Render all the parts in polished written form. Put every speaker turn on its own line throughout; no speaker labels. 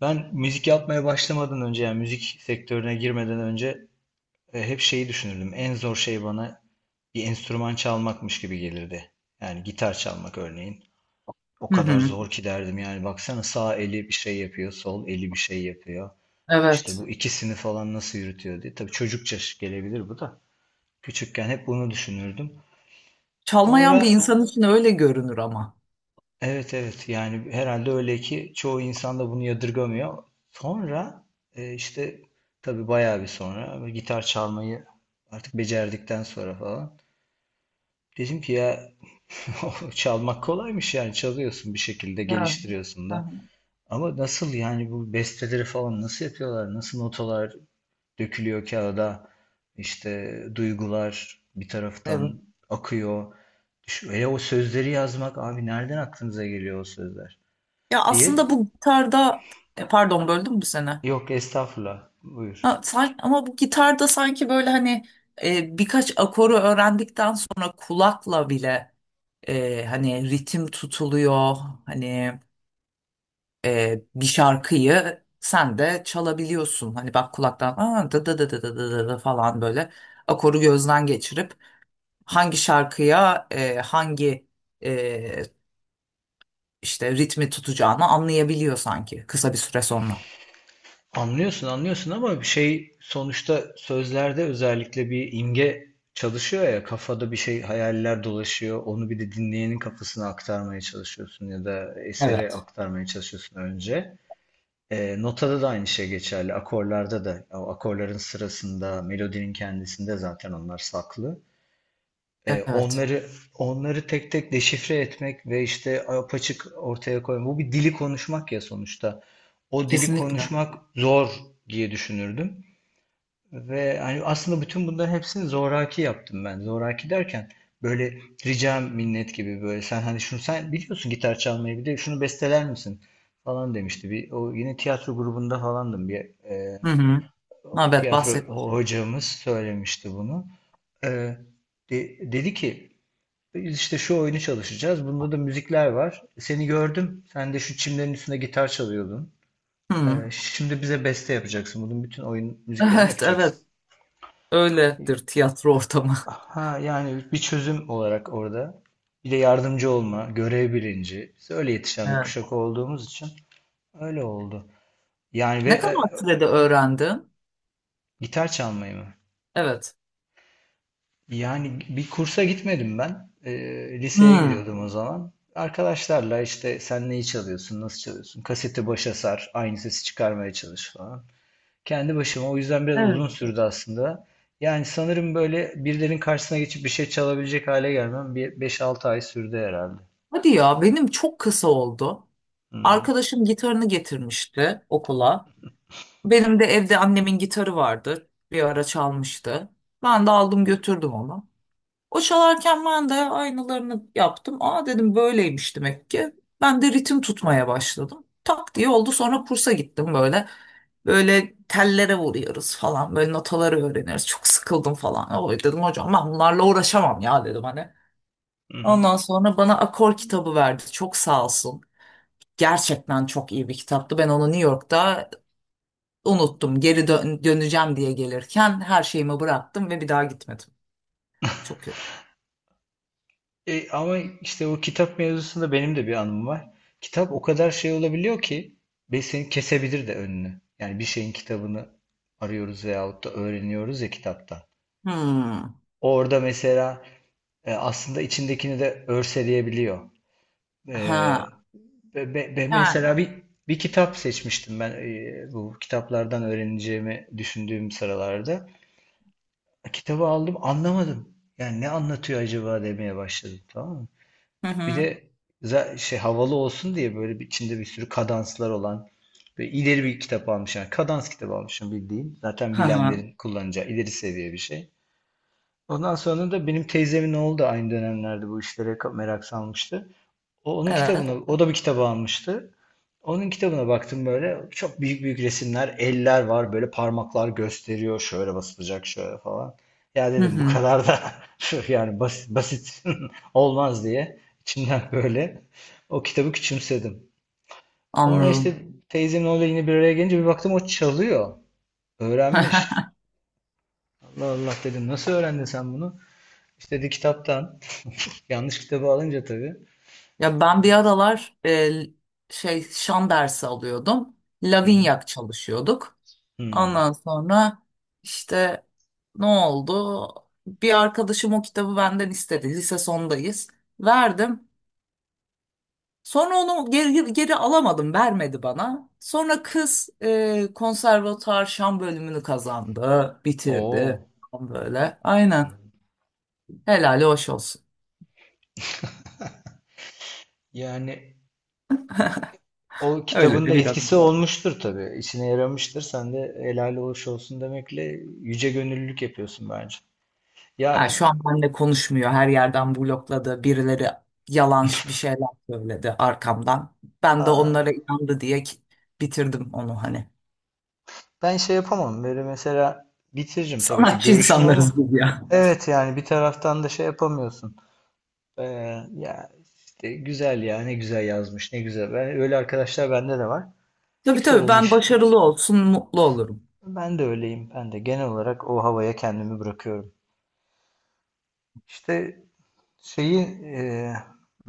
Ben müzik yapmaya başlamadan önce yani müzik sektörüne girmeden önce hep şeyi düşünürdüm. En zor şey bana bir enstrüman çalmakmış gibi gelirdi. Yani gitar çalmak örneğin. O
Hı
kadar
hı.
zor ki derdim yani baksana sağ eli bir şey yapıyor, sol eli bir şey yapıyor. İşte
Evet.
bu ikisini falan nasıl yürütüyor diye. Tabii çocukça gelebilir bu da. Küçükken hep bunu düşünürdüm. Sonra
Çalmayan bir insan için öyle görünür ama.
Evet, evet, yani herhalde öyle ki çoğu insan da bunu yadırgamıyor. Sonra, e, işte tabii bayağı bir sonra böyle gitar çalmayı artık becerdikten sonra falan dedim ki ya, çalmak kolaymış yani çalıyorsun bir şekilde
Evet.
geliştiriyorsun
Hı
da.
hı.
Ama nasıl yani bu besteleri falan nasıl yapıyorlar? Nasıl notalar dökülüyor kağıda? İşte duygular bir
Evet.
taraftan akıyor. Hele o sözleri yazmak abi nereden aklınıza geliyor o sözler
Ya
diye?
aslında bu gitarda pardon böldüm mü seni?
Yok estağfurullah. Buyur.
Ha, sanki, ama bu gitarda sanki böyle hani birkaç akoru öğrendikten sonra kulakla bile hani ritim tutuluyor. Hani bir şarkıyı sen de çalabiliyorsun. Hani bak kulaktan aa, da da da da da da da da" falan böyle akoru gözden geçirip hangi şarkıya e, işte ritmi tutacağını anlayabiliyor sanki kısa bir süre sonra.
Anlıyorsun anlıyorsun ama bir şey sonuçta sözlerde özellikle bir imge çalışıyor ya kafada bir şey hayaller dolaşıyor. Onu bir de dinleyenin kafasına aktarmaya çalışıyorsun ya da esere
Evet.
aktarmaya çalışıyorsun önce. Notada da aynı şey geçerli. Akorlarda da o akorların sırasında melodinin kendisinde zaten onlar saklı. E,
Evet,
onları onları tek tek deşifre etmek ve işte apaçık ortaya koymak. Bu bir dili konuşmak ya sonuçta. O dili
kesinlikle.
konuşmak zor diye düşünürdüm. Ve hani aslında bütün bunların hepsini zoraki yaptım ben. Zoraki derken böyle ricam minnet gibi böyle sen hani şunu sen biliyorsun gitar çalmayı bir de şunu besteler misin falan demişti. Bir, o yine tiyatro grubunda falandım. Bir
Hı hı. Evet,
tiyatro
bahset.
hocamız söylemişti bunu. E, Dedi ki biz işte şu oyunu çalışacağız. Bunda da müzikler var. Seni gördüm. Sen de şu çimlerin üstünde gitar çalıyordun.
Hı.
Şimdi bize beste yapacaksın. Bunun bütün oyun müziklerini
Evet,
yapacaksın.
evet. Öyledir tiyatro ortamı.
Ha yani bir çözüm olarak orada. Bir de yardımcı olma, görev bilinci. Biz öyle yetişen bir
Evet.
kuşak olduğumuz için öyle oldu. Yani ve
Ne kadar sürede öğrendin?
gitar çalmayı mı?
Evet.
Yani bir kursa gitmedim ben. Liseye
Hı.
gidiyordum o zaman. Arkadaşlarla işte sen neyi çalıyorsun, nasıl çalıyorsun? Kaseti başa sar, aynı sesi çıkarmaya çalış falan. Kendi başıma o yüzden biraz
Evet.
uzun sürdü aslında. Yani sanırım böyle birilerinin karşısına geçip bir şey çalabilecek hale gelmem bir beş altı ay sürdü herhalde.
Hadi ya, benim çok kısa oldu.
Hı
Arkadaşım gitarını getirmişti okula. Benim de evde annemin gitarı vardı. Bir ara çalmıştı. Ben de aldım götürdüm onu. O çalarken ben de aynalarını yaptım. Aa dedim böyleymiş demek ki. Ben de ritim tutmaya başladım. Tak diye oldu. Sonra kursa gittim böyle. Böyle tellere vuruyoruz falan. Böyle notaları öğreniyoruz. Çok sıkıldım falan. Oy dedim hocam ben bunlarla uğraşamam ya dedim hani.
hı.
Ondan sonra bana akor kitabı verdi. Çok sağ olsun. Gerçekten çok iyi bir kitaptı. Ben onu New York'ta unuttum. Döneceğim diye gelirken her şeyimi bıraktım ve bir daha gitmedim. Çok kötü.
Ama işte o kitap mevzusunda benim de bir anım var. Kitap o kadar şey olabiliyor ki ve seni kesebilir de önünü. Yani bir şeyin kitabını arıyoruz veyahut da öğreniyoruz ya kitaptan.
Hmm.
Orada mesela aslında içindekini de örseleyebiliyor. E,
Ha. Yani.
Mesela bir kitap seçmiştim ben, bu kitaplardan öğreneceğimi düşündüğüm sıralarda. Kitabı aldım anlamadım. Yani ne anlatıyor acaba demeye başladım tamam mı?
Hı
Bir
hı.
de şey havalı olsun diye böyle bir, içinde bir sürü kadanslar olan ve ileri bir kitap almış yani kadans kitabı almışım bildiğin. Zaten
Hı hı.
bilenlerin kullanacağı ileri seviye bir şey. Ondan sonra da benim teyzemin oğlu da aynı dönemlerde bu işlere merak salmıştı. O onun kitabına,
Evet.
o da bir kitabı almıştı. Onun kitabına baktım böyle çok büyük büyük resimler, eller var böyle parmaklar gösteriyor şöyle basılacak şöyle falan. Ya
Hı
dedim bu
hı.
kadar da şu yani basit, basit olmaz diye içimden böyle o kitabı küçümsedim. Sonra işte
Anladım.
teyzemle orada yine bir araya gelince bir baktım o çalıyor. Öğrenmiş. Allah Allah dedim nasıl öğrendin sen bunu? İşte dedi kitaptan. Yanlış kitabı alınca tabii.
Ya ben bir aralar şey şan dersi alıyordum.
Hı hı.
Lavinyak çalışıyorduk.
Hmm.
Ondan sonra işte ne oldu? Bir arkadaşım o kitabı benden istedi. Lise sondayız. Verdim. Sonra onu geri alamadım. Vermedi bana. Sonra kız konservatuar şan bölümünü kazandı. Bitirdi.
Oo.
Böyle. Aynen. Helali hoş olsun.
Yani o
Öyle
kitabın da
de biraz.
etkisi olmuştur tabii. İşine yaramıştır. Sen de helal hoş olsun demekle yüce gönüllülük yapıyorsun bence.
Ha,
Ya
şu an benimle konuşmuyor. Her yerden blokladı. Birileri yalan bir şeyler söyledi arkamdan. Ben de
ha,
onlara inandı diye ki- bitirdim onu hani.
ben şey yapamam. Böyle mesela bitiririm tabii ki
Sanatçı
görüşme
insanlarız
ama
biz ya.
evet yani bir taraftan da şey yapamıyorsun. Ee, Ya işte güzel ya ne güzel yazmış ne güzel. Ben, öyle arkadaşlar bende de var. Ne
Tabii
güzel
tabii ben
olmuş.
başarılı olsun mutlu olurum.
Ben de öyleyim. Ben de genel olarak o havaya kendimi bırakıyorum. İşte Şeyi e,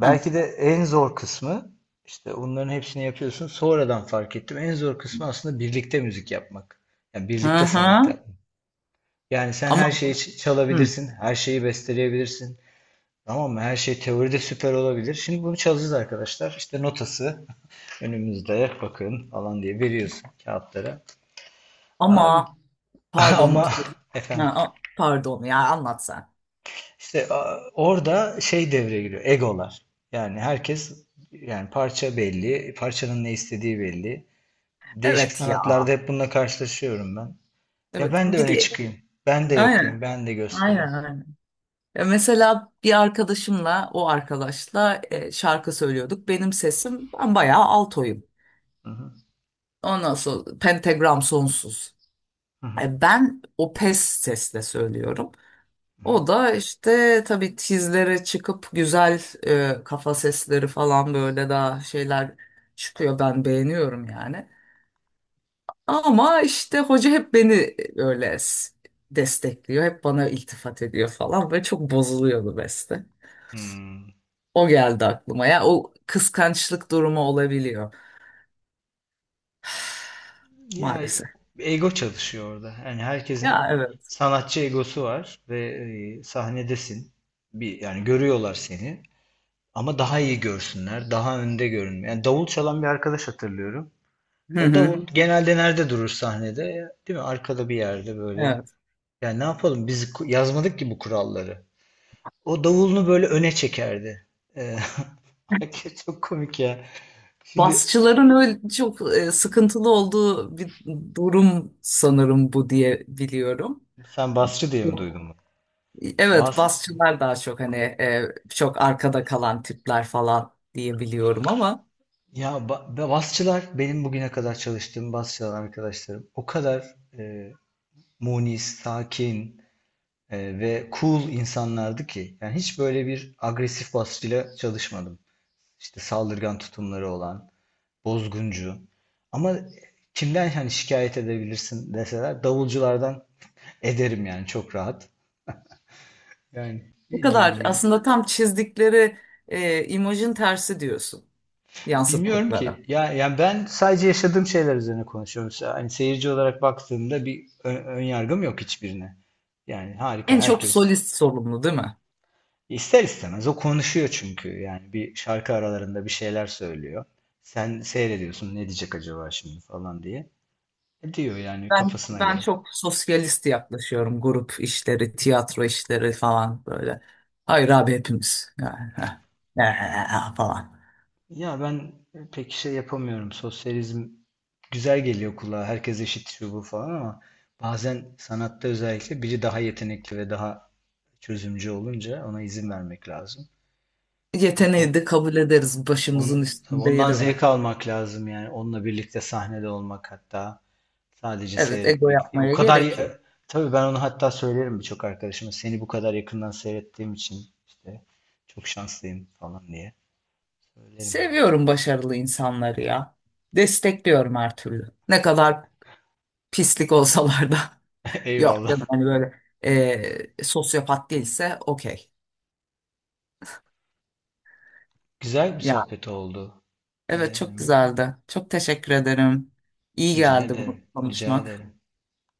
Ha.
de en zor kısmı işte onların hepsini yapıyorsun. Sonradan fark ettim. En zor kısmı aslında birlikte müzik yapmak. Yani
Hı
birlikte sanat
hı.
yapmak. Yani sen her
Ama
şeyi
hı.
çalabilirsin, her şeyi besteleyebilirsin. Tamam mı? Her şey teoride süper olabilir. Şimdi bunu çalacağız arkadaşlar. İşte notası önümüzde bakın falan diye veriyorsun kağıtlara. Abi
Ama pardon.
ama
Ha,
efendim.
pardon ya anlat sen.
İşte orada şey devreye giriyor. Egolar. Yani herkes yani parça belli, parçanın ne istediği belli. Değişik
Evet ya.
sanatlarda hep bununla karşılaşıyorum ben. Ya
Evet.
ben de
Bir
öne
de
çıkayım. Ben de
aynen.
yapayım, ben de göstereyim.
Aynen. Ya mesela bir arkadaşımla, o arkadaşla şarkı söylüyorduk. Benim sesim, ben bayağı altoyum.
Hı hı,
Ondan sonra pentagram sonsuz.
hı hı,
Ben o pes sesle söylüyorum.
hı hı.
O da işte tabii tizlere çıkıp güzel kafa sesleri falan böyle daha şeyler çıkıyor. Ben beğeniyorum yani. Ama işte hoca hep beni öyle destekliyor. Hep bana iltifat ediyor falan ve çok bozuluyordu beste.
Hmm.
O geldi aklıma. Ya o kıskançlık durumu olabiliyor.
Ya
Maalesef.
ego çalışıyor orada. Yani herkesin
Ya evet.
sanatçı egosu var ve sahnedesin. Bir yani görüyorlar seni. Ama daha iyi görsünler, daha önde görünme. Yani davul çalan bir arkadaş hatırlıyorum.
Hı
Ya
hı.
davul genelde nerede durur sahnede? Ya, değil mi? Arkada bir yerde böyle.
Evet.
Yani ne yapalım? Biz yazmadık ki bu kuralları. O davulunu böyle öne çekerdi. Ee, Hakikaten çok komik ya. Şimdi
Basçıların öyle çok sıkıntılı olduğu bir durum sanırım bu diye biliyorum.
sen basçı diye mi duydun bunu?
Evet,
Bas,
basçılar daha çok hani çok arkada kalan tipler falan diye biliyorum ama
ya basçılar benim bugüne kadar çalıştığım basçılar arkadaşlarım o kadar munis, sakin, ve cool insanlardı ki. Yani hiç böyle bir agresif basçıyla çalışmadım. İşte saldırgan tutumları olan. Bozguncu. Ama kimden hani şikayet edebilirsin deseler davulculardan ederim yani çok rahat. Yani
bu kadar
bilmiyorum ya.
aslında tam çizdikleri imajın tersi diyorsun
Bilmiyorum
yansıttıkları.
ki. Ya yani ben sadece yaşadığım şeyler üzerine konuşuyorum. Hani seyirci olarak baktığımda bir ön yargım yok hiçbirine. Yani harika
En çok
herkes
solist sorumlu değil mi?
ister istemez o konuşuyor çünkü. Yani bir şarkı aralarında bir şeyler söylüyor. Sen seyrediyorsun ne diyecek acaba şimdi falan diye. E diyor yani
Ben
kafasına
ben
göre.
çok sosyalist yaklaşıyorum. Grup işleri, tiyatro işleri falan böyle. Hayır abi hepimiz. Yani, heh, eh, falan.
Ya ben pek şey yapamıyorum. Sosyalizm güzel geliyor kulağa. Herkes eşit şu bu falan ama bazen sanatta özellikle biri daha yetenekli ve daha çözümcü olunca ona izin vermek lazım. O
Yeteneği de kabul ederiz.
onu,
Başımızın
tabii
üstünde
ondan
yeri
zevk
var.
almak lazım yani. Onunla birlikte sahnede olmak hatta sadece
Evet, ego
seyretmek değil. O
yapmaya
kadar
gerek yok.
tabii ben onu hatta söylerim birçok arkadaşıma. Seni bu kadar yakından seyrettiğim için işte çok şanslıyım falan diye söylerim yani.
Seviyorum başarılı insanları ya. Destekliyorum her türlü. Ne kadar pislik olsalar da. Yok canım
Eyvallah.
hani böyle eh, sosyopat değilse okey.
Güzel bir
Ya
sohbet oldu.
evet
Ee,
çok güzeldi. Çok teşekkür ederim. İyi
Rica
geldi
ederim.
bunu
Rica
konuşmak.
ederim.